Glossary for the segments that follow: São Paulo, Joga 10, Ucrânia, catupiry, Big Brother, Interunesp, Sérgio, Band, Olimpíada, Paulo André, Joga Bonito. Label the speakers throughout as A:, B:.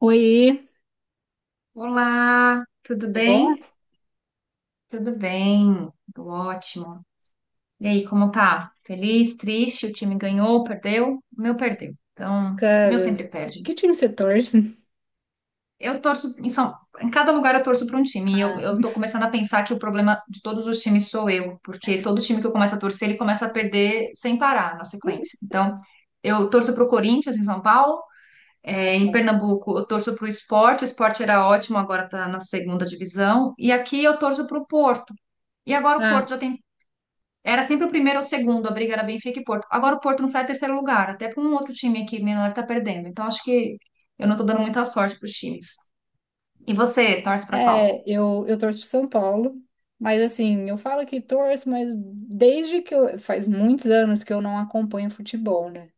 A: Oi,
B: Olá, tudo
A: tudo
B: bem?
A: bom?
B: Tudo bem, tudo ótimo. E aí, como tá? Feliz, triste? O time ganhou, perdeu? O meu perdeu. Então, o meu
A: Cara,
B: sempre perde.
A: que time você torce?
B: Eu torço em São, Em cada lugar eu torço para um time. E eu,
A: Ah,
B: eu tô começando a pensar que o problema de todos os times sou eu, porque todo time que eu começo a torcer, ele começa a perder sem parar na sequência. Então, eu torço para o Corinthians em São Paulo.
A: ah,
B: É, em
A: tá.
B: Pernambuco, eu torço para o Sport era ótimo, agora está na segunda divisão. E aqui eu torço para o Porto. E agora o Porto
A: Ah,
B: já tem. Era sempre o primeiro ou o segundo, a briga era Benfica e Porto. Agora o Porto não sai terceiro lugar, até porque um outro time aqui menor está perdendo. Então acho que eu não estou dando muita sorte para os times. E você, torce para qual?
A: é, eu torço pro São Paulo, mas assim, eu falo que torço, mas desde que eu, faz muitos anos que eu não acompanho futebol, né?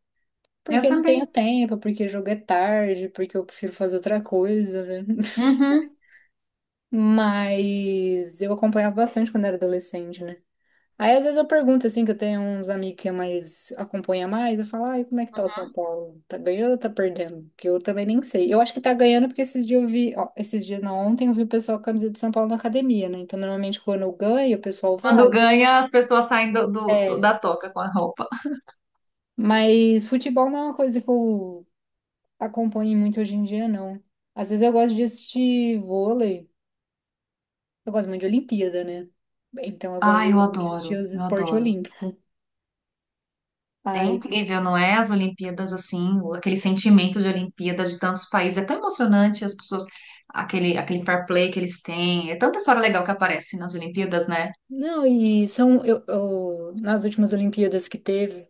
A: Porque
B: Eu
A: eu não tenho
B: também.
A: tempo, porque jogo é tarde, porque eu prefiro fazer outra coisa, né?
B: Uhum.
A: Mas eu acompanhava bastante quando era adolescente, né? Aí às vezes eu pergunto assim, que eu tenho uns amigos que mais acompanha mais, eu falo, ai, como é que tá o São Paulo? Tá ganhando ou tá perdendo? Porque eu também nem sei. Eu acho que tá ganhando porque esses dias eu vi, ó, esses dias não, ontem eu vi o pessoal com a camisa de São Paulo na academia, né? Então normalmente quando eu ganho, o pessoal
B: Quando
A: vai.
B: ganha, as pessoas saem
A: É,
B: da toca com a roupa.
A: mas futebol não é uma coisa que eu acompanho muito hoje em dia, não. Às vezes eu gosto de assistir vôlei, eu gosto muito de Olimpíada, né? Então eu gosto
B: Ah, eu
A: de assistir
B: adoro,
A: os
B: eu
A: esportes
B: adoro.
A: olímpicos.
B: É incrível, não é? As Olimpíadas assim, aquele sentimento de Olimpíada de tantos países. É tão emocionante as pessoas, aquele fair play que eles têm. É tanta história legal que aparece nas Olimpíadas, né?
A: Não, e são, nas últimas Olimpíadas que teve,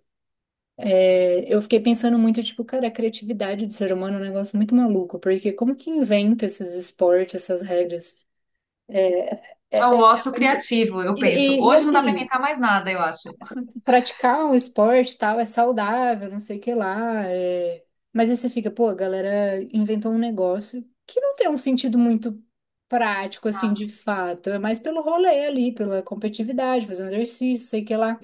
A: é, eu fiquei pensando muito, tipo, cara, a criatividade do ser humano é um negócio muito maluco, porque como que inventa esses esportes, essas regras?
B: É
A: É, é-
B: o
A: é
B: ócio
A: muito-
B: criativo, eu
A: E,
B: penso. Hoje não dá para
A: assim,
B: inventar mais nada, eu acho.
A: praticar um esporte e tal é saudável, não sei o que lá. Mas aí você fica, pô, a galera inventou um negócio que não tem um sentido muito prático, assim, de fato, é mais pelo rolê ali, pela competitividade, fazer um exercício, sei o que lá.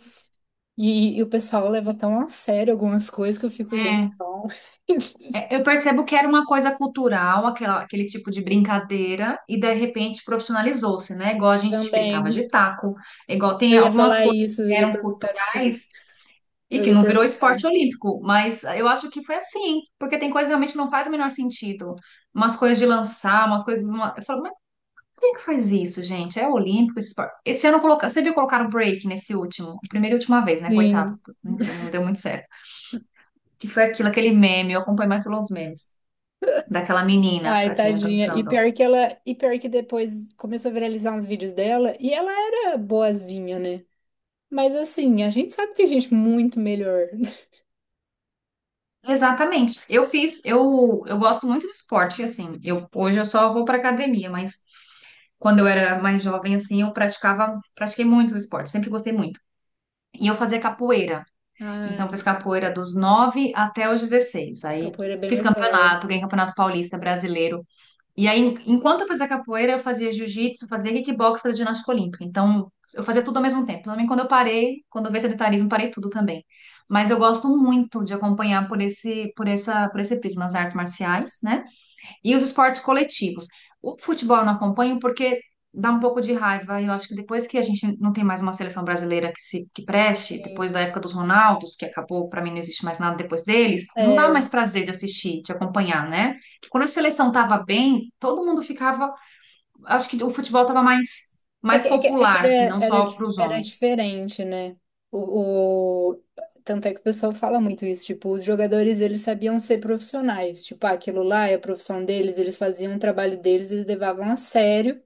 A: E o pessoal leva tão a sério algumas coisas que eu fico, gente,
B: É,
A: não.
B: eu percebo que era uma coisa cultural, aquele tipo de brincadeira, e de repente profissionalizou-se, né? Igual a gente brincava
A: Também.
B: de taco, igual tem
A: Eu ia
B: algumas
A: falar
B: coisas
A: isso, eu
B: que
A: ia
B: eram
A: perguntar se.
B: culturais e
A: Eu
B: que
A: ia
B: não virou
A: perguntar.
B: esporte olímpico, mas eu acho que foi assim, porque tem coisas que realmente não faz o menor sentido. Umas coisas de lançar, umas coisas. Eu falo, quem que faz isso, gente? É olímpico, esse esporte. Você viu colocar o break nesse último, primeira e última vez, né? Coitado,
A: Sim.
B: enfim, não deu muito certo. Que foi aquilo, aquele meme, eu acompanho mais pelos memes, daquela menina,
A: Ai,
B: tadinha,
A: tadinha. E
B: dançando.
A: pior que ela. E pior que depois começou a viralizar uns vídeos dela e ela era boazinha, né? Mas assim, a gente sabe que tem gente muito melhor.
B: Exatamente. Eu gosto muito de esporte, assim. Eu hoje eu só vou para academia, mas quando eu era mais jovem, assim, pratiquei muitos esportes, sempre gostei muito. E eu fazia capoeira. Então, fiz
A: Ai,
B: capoeira dos 9 até os 16. Aí
A: capoeira é bem
B: fiz
A: legal.
B: campeonato, ganhei campeonato paulista, brasileiro. E aí, enquanto eu fazia capoeira, eu fazia jiu-jitsu, fazia kickbox, fazia ginástica olímpica. Então, eu fazia tudo ao mesmo tempo. Também quando eu parei, quando eu veio sedentarismo, parei tudo também. Mas eu gosto muito de acompanhar por esse prisma as artes marciais, né? E os esportes coletivos. O futebol eu não acompanho porque dá um pouco de raiva. Eu acho que depois que a gente não tem mais uma seleção brasileira que se que preste, depois da
A: Sim.
B: época dos Ronaldos, que acabou, para mim não existe mais nada depois deles, não dá
A: É.
B: mais prazer de assistir, de acompanhar, né? Porque quando a seleção tava bem, todo mundo ficava, acho que o futebol tava mais
A: É
B: mais
A: que, é que, é
B: popular,
A: que
B: assim,
A: era,
B: não
A: era,
B: só para
A: dif-
B: os
A: era
B: homens.
A: diferente, né? O, o- Tanto é que o pessoal fala muito isso, tipo, os jogadores, eles sabiam ser profissionais, tipo, ah, aquilo lá é a profissão deles, eles faziam o trabalho deles, eles levavam a sério,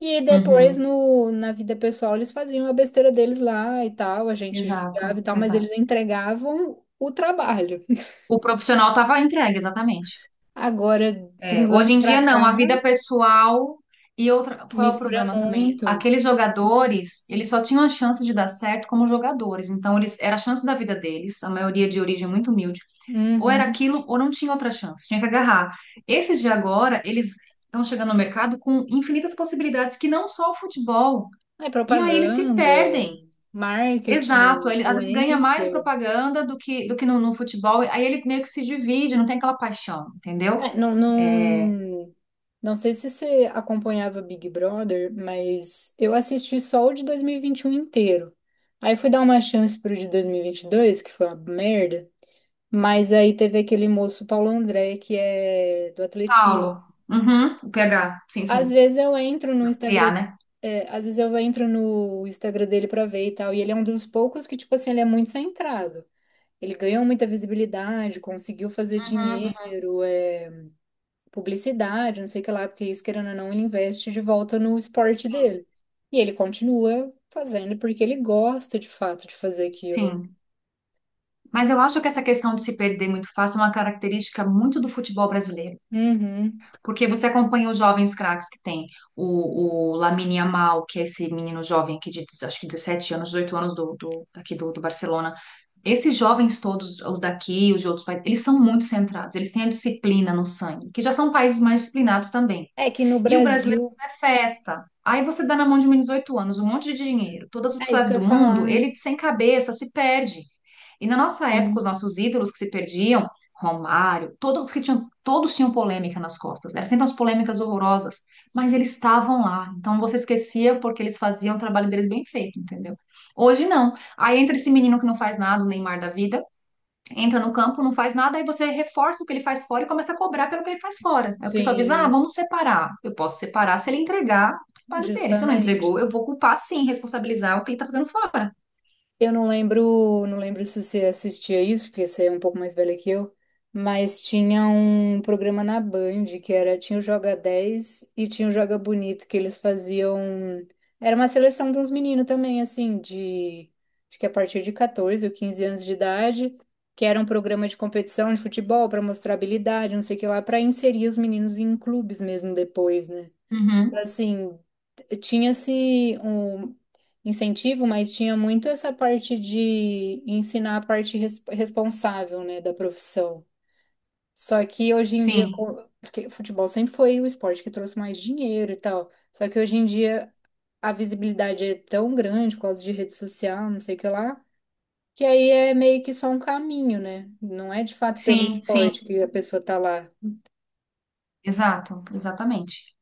A: e depois,
B: Uhum.
A: no, na vida pessoal, eles faziam a besteira deles lá e tal, a gente julgava e
B: Exato,
A: tal, mas eles
B: exato.
A: entregavam o trabalho.
B: O profissional tava entregue, exatamente.
A: Agora, de uns
B: Hoje
A: anos
B: em
A: pra
B: dia
A: cá,
B: não, a vida pessoal e outra, qual é o
A: mistura
B: problema também?
A: muito.
B: Aqueles jogadores, eles só tinham a chance de dar certo como jogadores, então eles era a chance da vida deles, a maioria de origem muito humilde. Ou era
A: Uhum.
B: aquilo ou não tinha outra chance, tinha que agarrar. Esses de agora, eles estão chegando no mercado com infinitas possibilidades que não só o futebol.
A: É
B: E aí eles se
A: propaganda,
B: perdem.
A: marketing,
B: Exato, ele às vezes ganha mais de
A: influência.
B: propaganda do que no futebol, aí ele meio que se divide, não tem aquela paixão, entendeu?
A: É, não,
B: É,
A: não, não sei se você acompanhava Big Brother, mas eu assisti só o de dois mil e vinte e um inteiro. Aí fui dar uma chance pro de dois mil e vinte e dois que foi uma merda. Mas aí teve aquele moço Paulo André, que é do atletismo.
B: Paulo. Uhum, o PH. Sim,
A: Às
B: sim.
A: vezes eu entro no
B: PA,
A: Instagram,
B: né?
A: às vezes eu entro no Instagram dele pra ver e tal, e ele é um dos poucos que, tipo assim, ele é muito centrado. Ele ganhou muita visibilidade, conseguiu fazer
B: Uhum,
A: dinheiro, publicidade, não sei o que lá, porque isso, querendo ou não, ele investe de volta no esporte
B: uhum.
A: dele. E ele continua fazendo porque ele gosta de fato de fazer aquilo, né?
B: Sim. Mas eu acho que essa questão de se perder muito fácil é uma característica muito do futebol brasileiro.
A: Uhum.
B: Porque você acompanha os jovens craques que tem. O Lamine Yamal, que é esse menino jovem aqui de acho que 17 anos, 18 anos do Barcelona. Esses jovens todos, os daqui, os de outros países, eles são muito centrados, eles têm a disciplina no sangue, que já são países mais disciplinados também.
A: É que no
B: E o brasileiro
A: Brasil,
B: é festa. Aí você dá na mão de um menino de 18 anos um monte de dinheiro, todas as
A: é isso que
B: cidades
A: eu
B: do
A: ia falar.
B: mundo, ele sem cabeça se perde. E na nossa época, os
A: Sim,
B: nossos ídolos que se perdiam, Romário, todos os que tinham, todos tinham polêmica nas costas. Eram sempre umas polêmicas horrorosas, mas eles estavam lá. Então você esquecia porque eles faziam o trabalho deles bem feito, entendeu? Hoje não. Aí entra esse menino que não faz nada, o Neymar da vida, entra no campo, não faz nada, aí você reforça o que ele faz fora e começa a cobrar pelo que ele faz fora. Aí o pessoal diz: ah,
A: sim,
B: vamos separar. Eu posso separar se ele entregar o trabalho dele. Se não
A: justamente.
B: entregou, eu vou culpar sim, responsabilizar o que ele está fazendo fora.
A: Eu não lembro, não lembro se você assistia isso, porque você é um pouco mais velha que eu, mas tinha um programa na Band que era, tinha o Joga 10 e tinha o Joga Bonito, que eles faziam, era uma seleção de uns meninos também, assim, de, acho que a partir de 14 ou 15 anos de idade, que era um programa de competição de futebol para mostrar habilidade, não sei o que lá, para inserir os meninos em clubes mesmo depois, né?
B: Uhum.
A: Assim, tinha-se um incentivo, mas tinha muito essa parte de ensinar a parte responsável, né, da profissão. Só que hoje em dia,
B: Sim,
A: porque futebol sempre foi o esporte que trouxe mais dinheiro e tal. Só que hoje em dia a visibilidade é tão grande por causa de rede social, não sei o que lá, que aí é meio que só um caminho, né? Não é de fato pelo
B: sim, sim,
A: esporte que a pessoa tá lá.
B: exato, exatamente.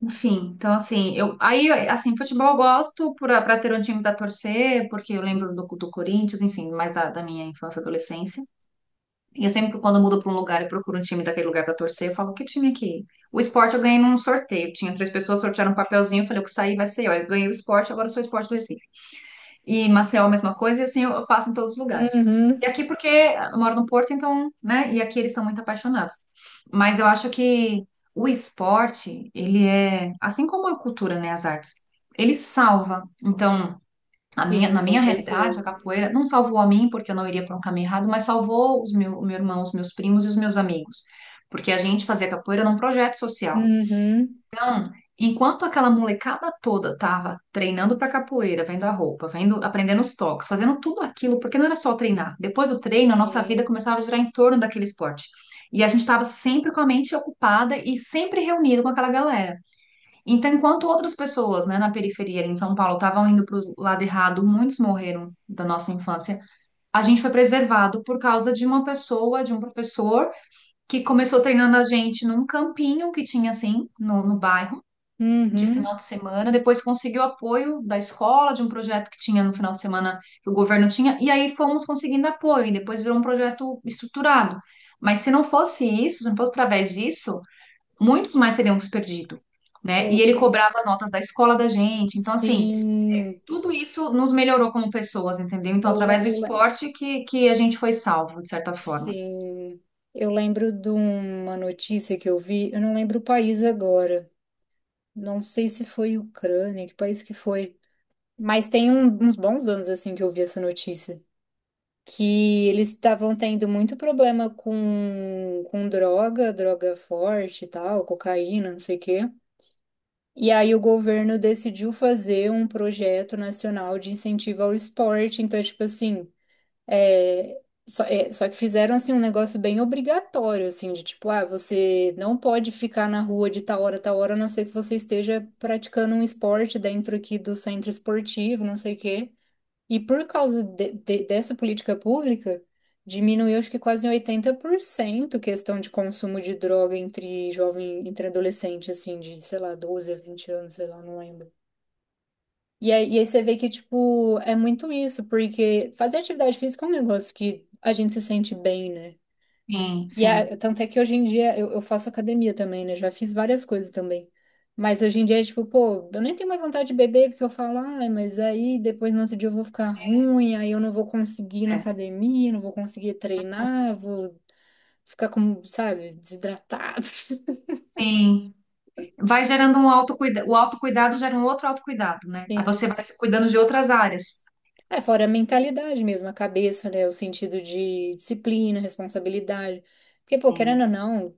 B: Enfim, então assim, eu aí assim, futebol eu gosto para ter um time para torcer, porque eu lembro do Corinthians, enfim, mais da minha infância, e adolescência. E eu sempre, quando eu mudo para um lugar e procuro um time daquele lugar para torcer, eu falo, que time aqui? O esporte eu ganhei num sorteio. Tinha três pessoas, sortearam um papelzinho, eu falei, o que sair vai ser eu. Eu ganhei o esporte, agora eu sou o esporte do Recife. E em Maceió a mesma coisa, e assim eu faço em todos os lugares. E
A: Uhum,
B: aqui porque eu moro no Porto, então, né? E aqui eles são muito apaixonados. Mas eu acho que o esporte, ele é, assim como a cultura, né, as artes, ele salva. Então, na
A: sim, com
B: minha realidade, a
A: certeza.
B: capoeira não salvou a mim, porque eu não iria por um caminho errado, mas salvou o meu irmão, os meus primos e os meus amigos. Porque a gente fazia capoeira num projeto social.
A: Uhum,
B: Então, enquanto aquela molecada toda tava treinando para capoeira, vendo a roupa, vendo, aprendendo os toques, fazendo tudo aquilo, porque não era só treinar. Depois do treino, a nossa vida
A: sim.
B: começava a girar em torno daquele esporte. E a gente estava sempre com a mente ocupada e sempre reunido com aquela galera. Então, enquanto outras pessoas, né, na periferia, em São Paulo, estavam indo para o lado errado, muitos morreram da nossa infância. A gente foi preservado por causa de uma pessoa, de um professor, que começou treinando a gente num campinho que tinha assim no bairro, de
A: Uhum.
B: final de semana. Depois conseguiu apoio da escola, de um projeto que tinha no final de semana que o governo tinha, e aí fomos conseguindo apoio, e depois virou um projeto estruturado. Mas se não fosse isso, se não fosse através disso muitos mais teriam se perdido, né? E
A: Eu,
B: ele
A: eu-
B: cobrava as notas da escola da gente. Então, assim,
A: sim,
B: tudo isso nos melhorou como pessoas, entendeu? Então,
A: eu, le-
B: através do
A: eu, le-
B: esporte que a gente foi salvo, de certa forma.
A: sim, eu lembro de uma notícia que eu vi, eu não lembro o país agora, não sei se foi Ucrânia, que país que foi, mas tem uns bons anos assim que eu vi essa notícia, que eles estavam tendo muito problema com, com droga forte e tal, cocaína, não sei o quê. E aí o governo decidiu fazer um projeto nacional de incentivo ao esporte, então, tipo assim, É, só que fizeram assim um negócio bem obrigatório, assim, de tipo, ah, você não pode ficar na rua de tal hora, a não ser que você esteja praticando um esporte dentro aqui do centro esportivo, não sei o quê. E por causa dessa política pública, diminuiu acho que quase em 80% questão de consumo de droga entre jovem, entre adolescente, assim, de, sei lá, 12 a 20 anos, sei lá, não lembro. E aí, você vê que, tipo, é muito isso, porque fazer atividade física é um negócio que a gente se sente bem, né?
B: Sim,
A: E
B: sim,
A: a, tanto é que hoje em dia eu faço academia também, né? Já fiz várias coisas também. Mas hoje em dia é tipo, pô, eu nem tenho mais vontade de beber, porque eu falo, ai, mas aí depois no outro dia eu vou ficar ruim, aí eu não vou conseguir ir na
B: é,
A: academia, não vou conseguir treinar, vou ficar como, sabe, desidratado.
B: sim. Vai gerando um autocuidado, o autocuidado gera um outro autocuidado, né? Aí você vai se cuidando de outras áreas.
A: É, fora a mentalidade mesmo, a cabeça, né? O sentido de disciplina, responsabilidade. Porque, pô, querendo
B: Sim.
A: ou não,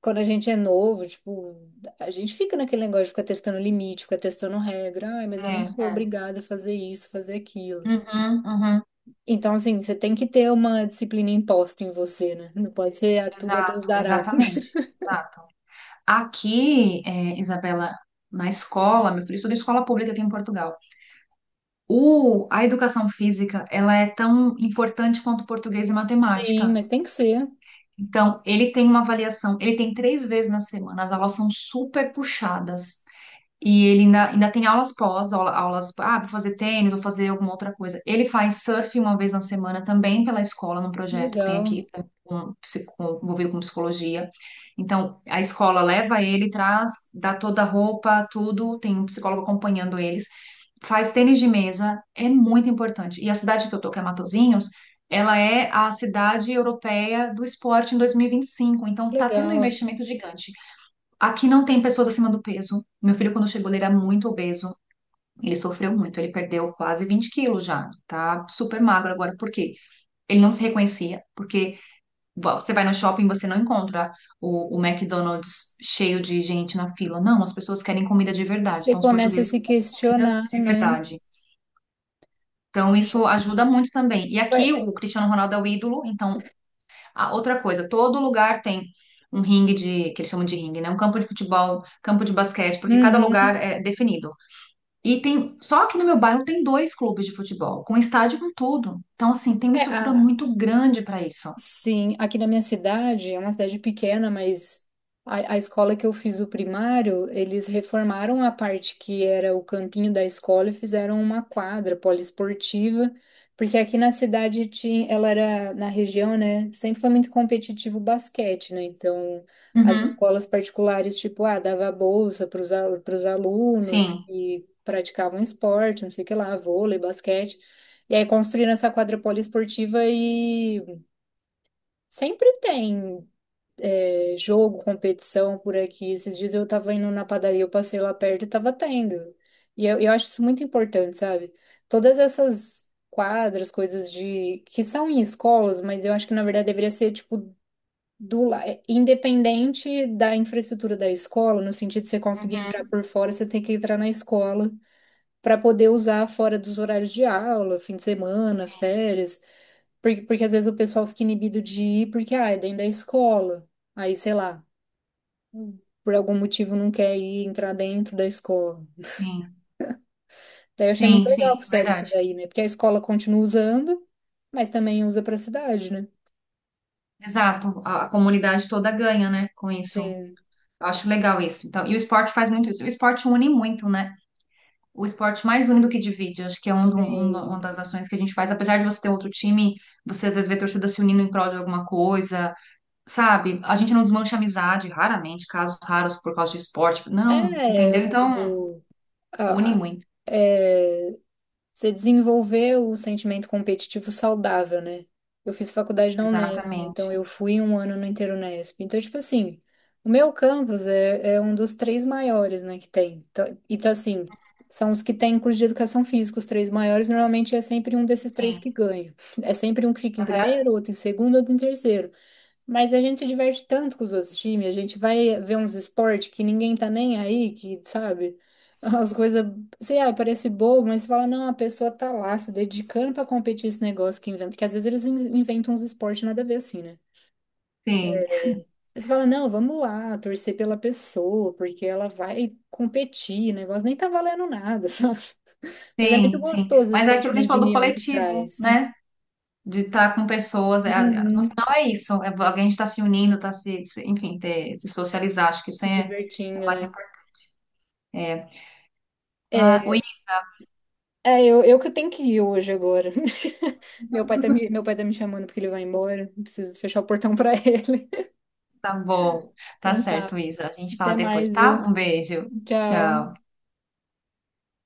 A: quando a gente é novo, tipo, a gente fica naquele negócio de ficar testando limite, ficar testando regra. Ai, mas eu
B: É,
A: não sou
B: é.
A: obrigada a fazer isso, fazer aquilo.
B: Uhum, uhum.
A: Então, assim, você tem que ter uma disciplina imposta em você, né? Não pode ser a tudo a Deus
B: Exato,
A: dará.
B: exatamente. Exato. Aqui, é, Isabela, na escola, meu filho estuda em escola pública aqui em Portugal. A educação física, ela é tão importante quanto português e
A: Sim,
B: matemática.
A: mas tem que ser.
B: Então, ele tem uma avaliação, ele tem três vezes na semana, as aulas são super puxadas. E ele ainda, ainda tem aulas, ah, vou fazer tênis, vou fazer alguma outra coisa. Ele faz surf uma vez na semana também pela escola, num projeto que tem
A: Legal,
B: aqui, um, envolvido com psicologia. Então, a escola leva ele, traz, dá toda a roupa, tudo, tem um psicólogo acompanhando ele faz tênis de mesa, é muito importante. E a cidade que eu tô, que é Matosinhos, ela é a cidade europeia do esporte em 2025, então tá tendo um
A: legal.
B: investimento gigante. Aqui não tem pessoas acima do peso. Meu filho, quando chegou, ele era muito obeso, ele sofreu muito, ele perdeu quase 20 quilos já, tá super magro agora. Por quê? Ele não se reconhecia, porque você vai no shopping, você não encontra o McDonald's cheio de gente na fila. Não, as pessoas querem comida de verdade,
A: Você
B: então os
A: começa a
B: portugueses
A: se
B: comem comida
A: questionar,
B: de
A: né?
B: verdade. Então,
A: Sim.
B: isso ajuda muito também. E aqui
A: Ué,
B: o Cristiano Ronaldo é o ídolo. Então, a outra coisa, todo lugar tem um ringue de, que eles chamam de ringue, né? Um campo de futebol, campo de basquete, porque cada
A: uhum.
B: lugar é definido. E tem, só aqui no meu bairro tem dois clubes de futebol, com estádio com tudo. Então, assim, tem uma
A: É,
B: estrutura
A: a-
B: muito grande para isso.
A: Sim, aqui na minha cidade, é uma cidade pequena, mas a escola que eu fiz o primário, eles reformaram a parte que era o campinho da escola e fizeram uma quadra poliesportiva, porque aqui na cidade tinha, ela era na região, né? Sempre foi muito competitivo o basquete, né? Então, as
B: Uhum,
A: escolas particulares, tipo, ah, dava bolsa para os alunos
B: sim.
A: que praticavam esporte, não sei o que lá, vôlei, basquete. E aí construíram essa quadra poliesportiva e sempre tem jogo, competição por aqui. Esses dias eu tava indo na padaria, eu passei lá perto e tava tendo. E eu acho isso muito importante, sabe? Todas essas quadras, coisas de que são em escolas, mas eu acho que na verdade deveria ser tipo independente da infraestrutura da escola, no sentido de você conseguir entrar
B: Uhum,
A: por fora, você tem que entrar na escola para poder usar fora dos horários de aula, fim de semana,
B: sim,
A: férias. Porque às vezes o pessoal fica inibido de ir porque, ah, é dentro da escola. Aí, sei lá, por algum motivo não quer ir entrar dentro da escola.
B: sim,
A: Daí eu achei muito
B: sim, sim,
A: legal pro Sérgio isso
B: verdade.
A: daí, né? Porque a escola continua usando, mas também usa pra cidade, né?
B: Exato. A comunidade toda ganha, né, com isso.
A: Sim,
B: Eu acho legal isso. Então, e o esporte faz muito isso. O esporte une muito, né? O esporte mais une do que divide. Acho que é uma
A: sim.
B: das ações que a gente faz. Apesar de você ter outro time, você às vezes vê torcida se unindo em prol de alguma coisa, sabe? A gente não desmancha amizade, raramente, casos raros por causa de esporte. Não,
A: É,
B: entendeu? Então,
A: o,
B: une muito.
A: Você desenvolveu o sentimento competitivo saudável, né? Eu fiz faculdade na Unesp,
B: Exatamente.
A: então eu fui um ano no Interunesp. Então, tipo assim, o meu campus é um dos três maiores, né, que tem. Então, assim, são os que têm curso de educação física, os três maiores, normalmente é sempre um desses três
B: Sim.
A: que ganha. É sempre um que fica em
B: Aham.
A: primeiro, outro em segundo, outro em terceiro. Mas a gente se diverte tanto com os outros times, a gente vai ver uns esportes que ninguém tá nem aí, que, sabe? As coisas, sei lá, parece bobo, mas você fala, não, a pessoa tá lá se dedicando pra competir esse negócio que inventa, que às vezes eles inventam uns esportes nada a ver assim, né?
B: Sim,
A: Aí você fala, não, vamos lá, torcer pela pessoa, porque ela vai competir, o negócio nem tá valendo nada, sabe? Mas é muito
B: sim, sim.
A: gostoso esse
B: Mas é aquilo que a gente
A: sentimento de
B: falou do
A: união que
B: coletivo,
A: traz.
B: né? De estar com pessoas. É, no
A: Uhum,
B: final é isso. É, alguém está se unindo, está enfim, ter, se socializar. Acho que isso
A: se
B: é é o
A: divertindo,
B: mais
A: né?
B: importante. É.
A: É,
B: Ah,
A: É, eu que tenho que ir hoje agora. Meu pai tá me chamando porque ele vai embora. Preciso fechar o portão pra ele.
B: tá bom. Tá
A: Então tá.
B: certo, Isa. A gente fala
A: Até
B: depois,
A: mais,
B: tá?
A: viu?
B: Um beijo.
A: Tchau.
B: Tchau.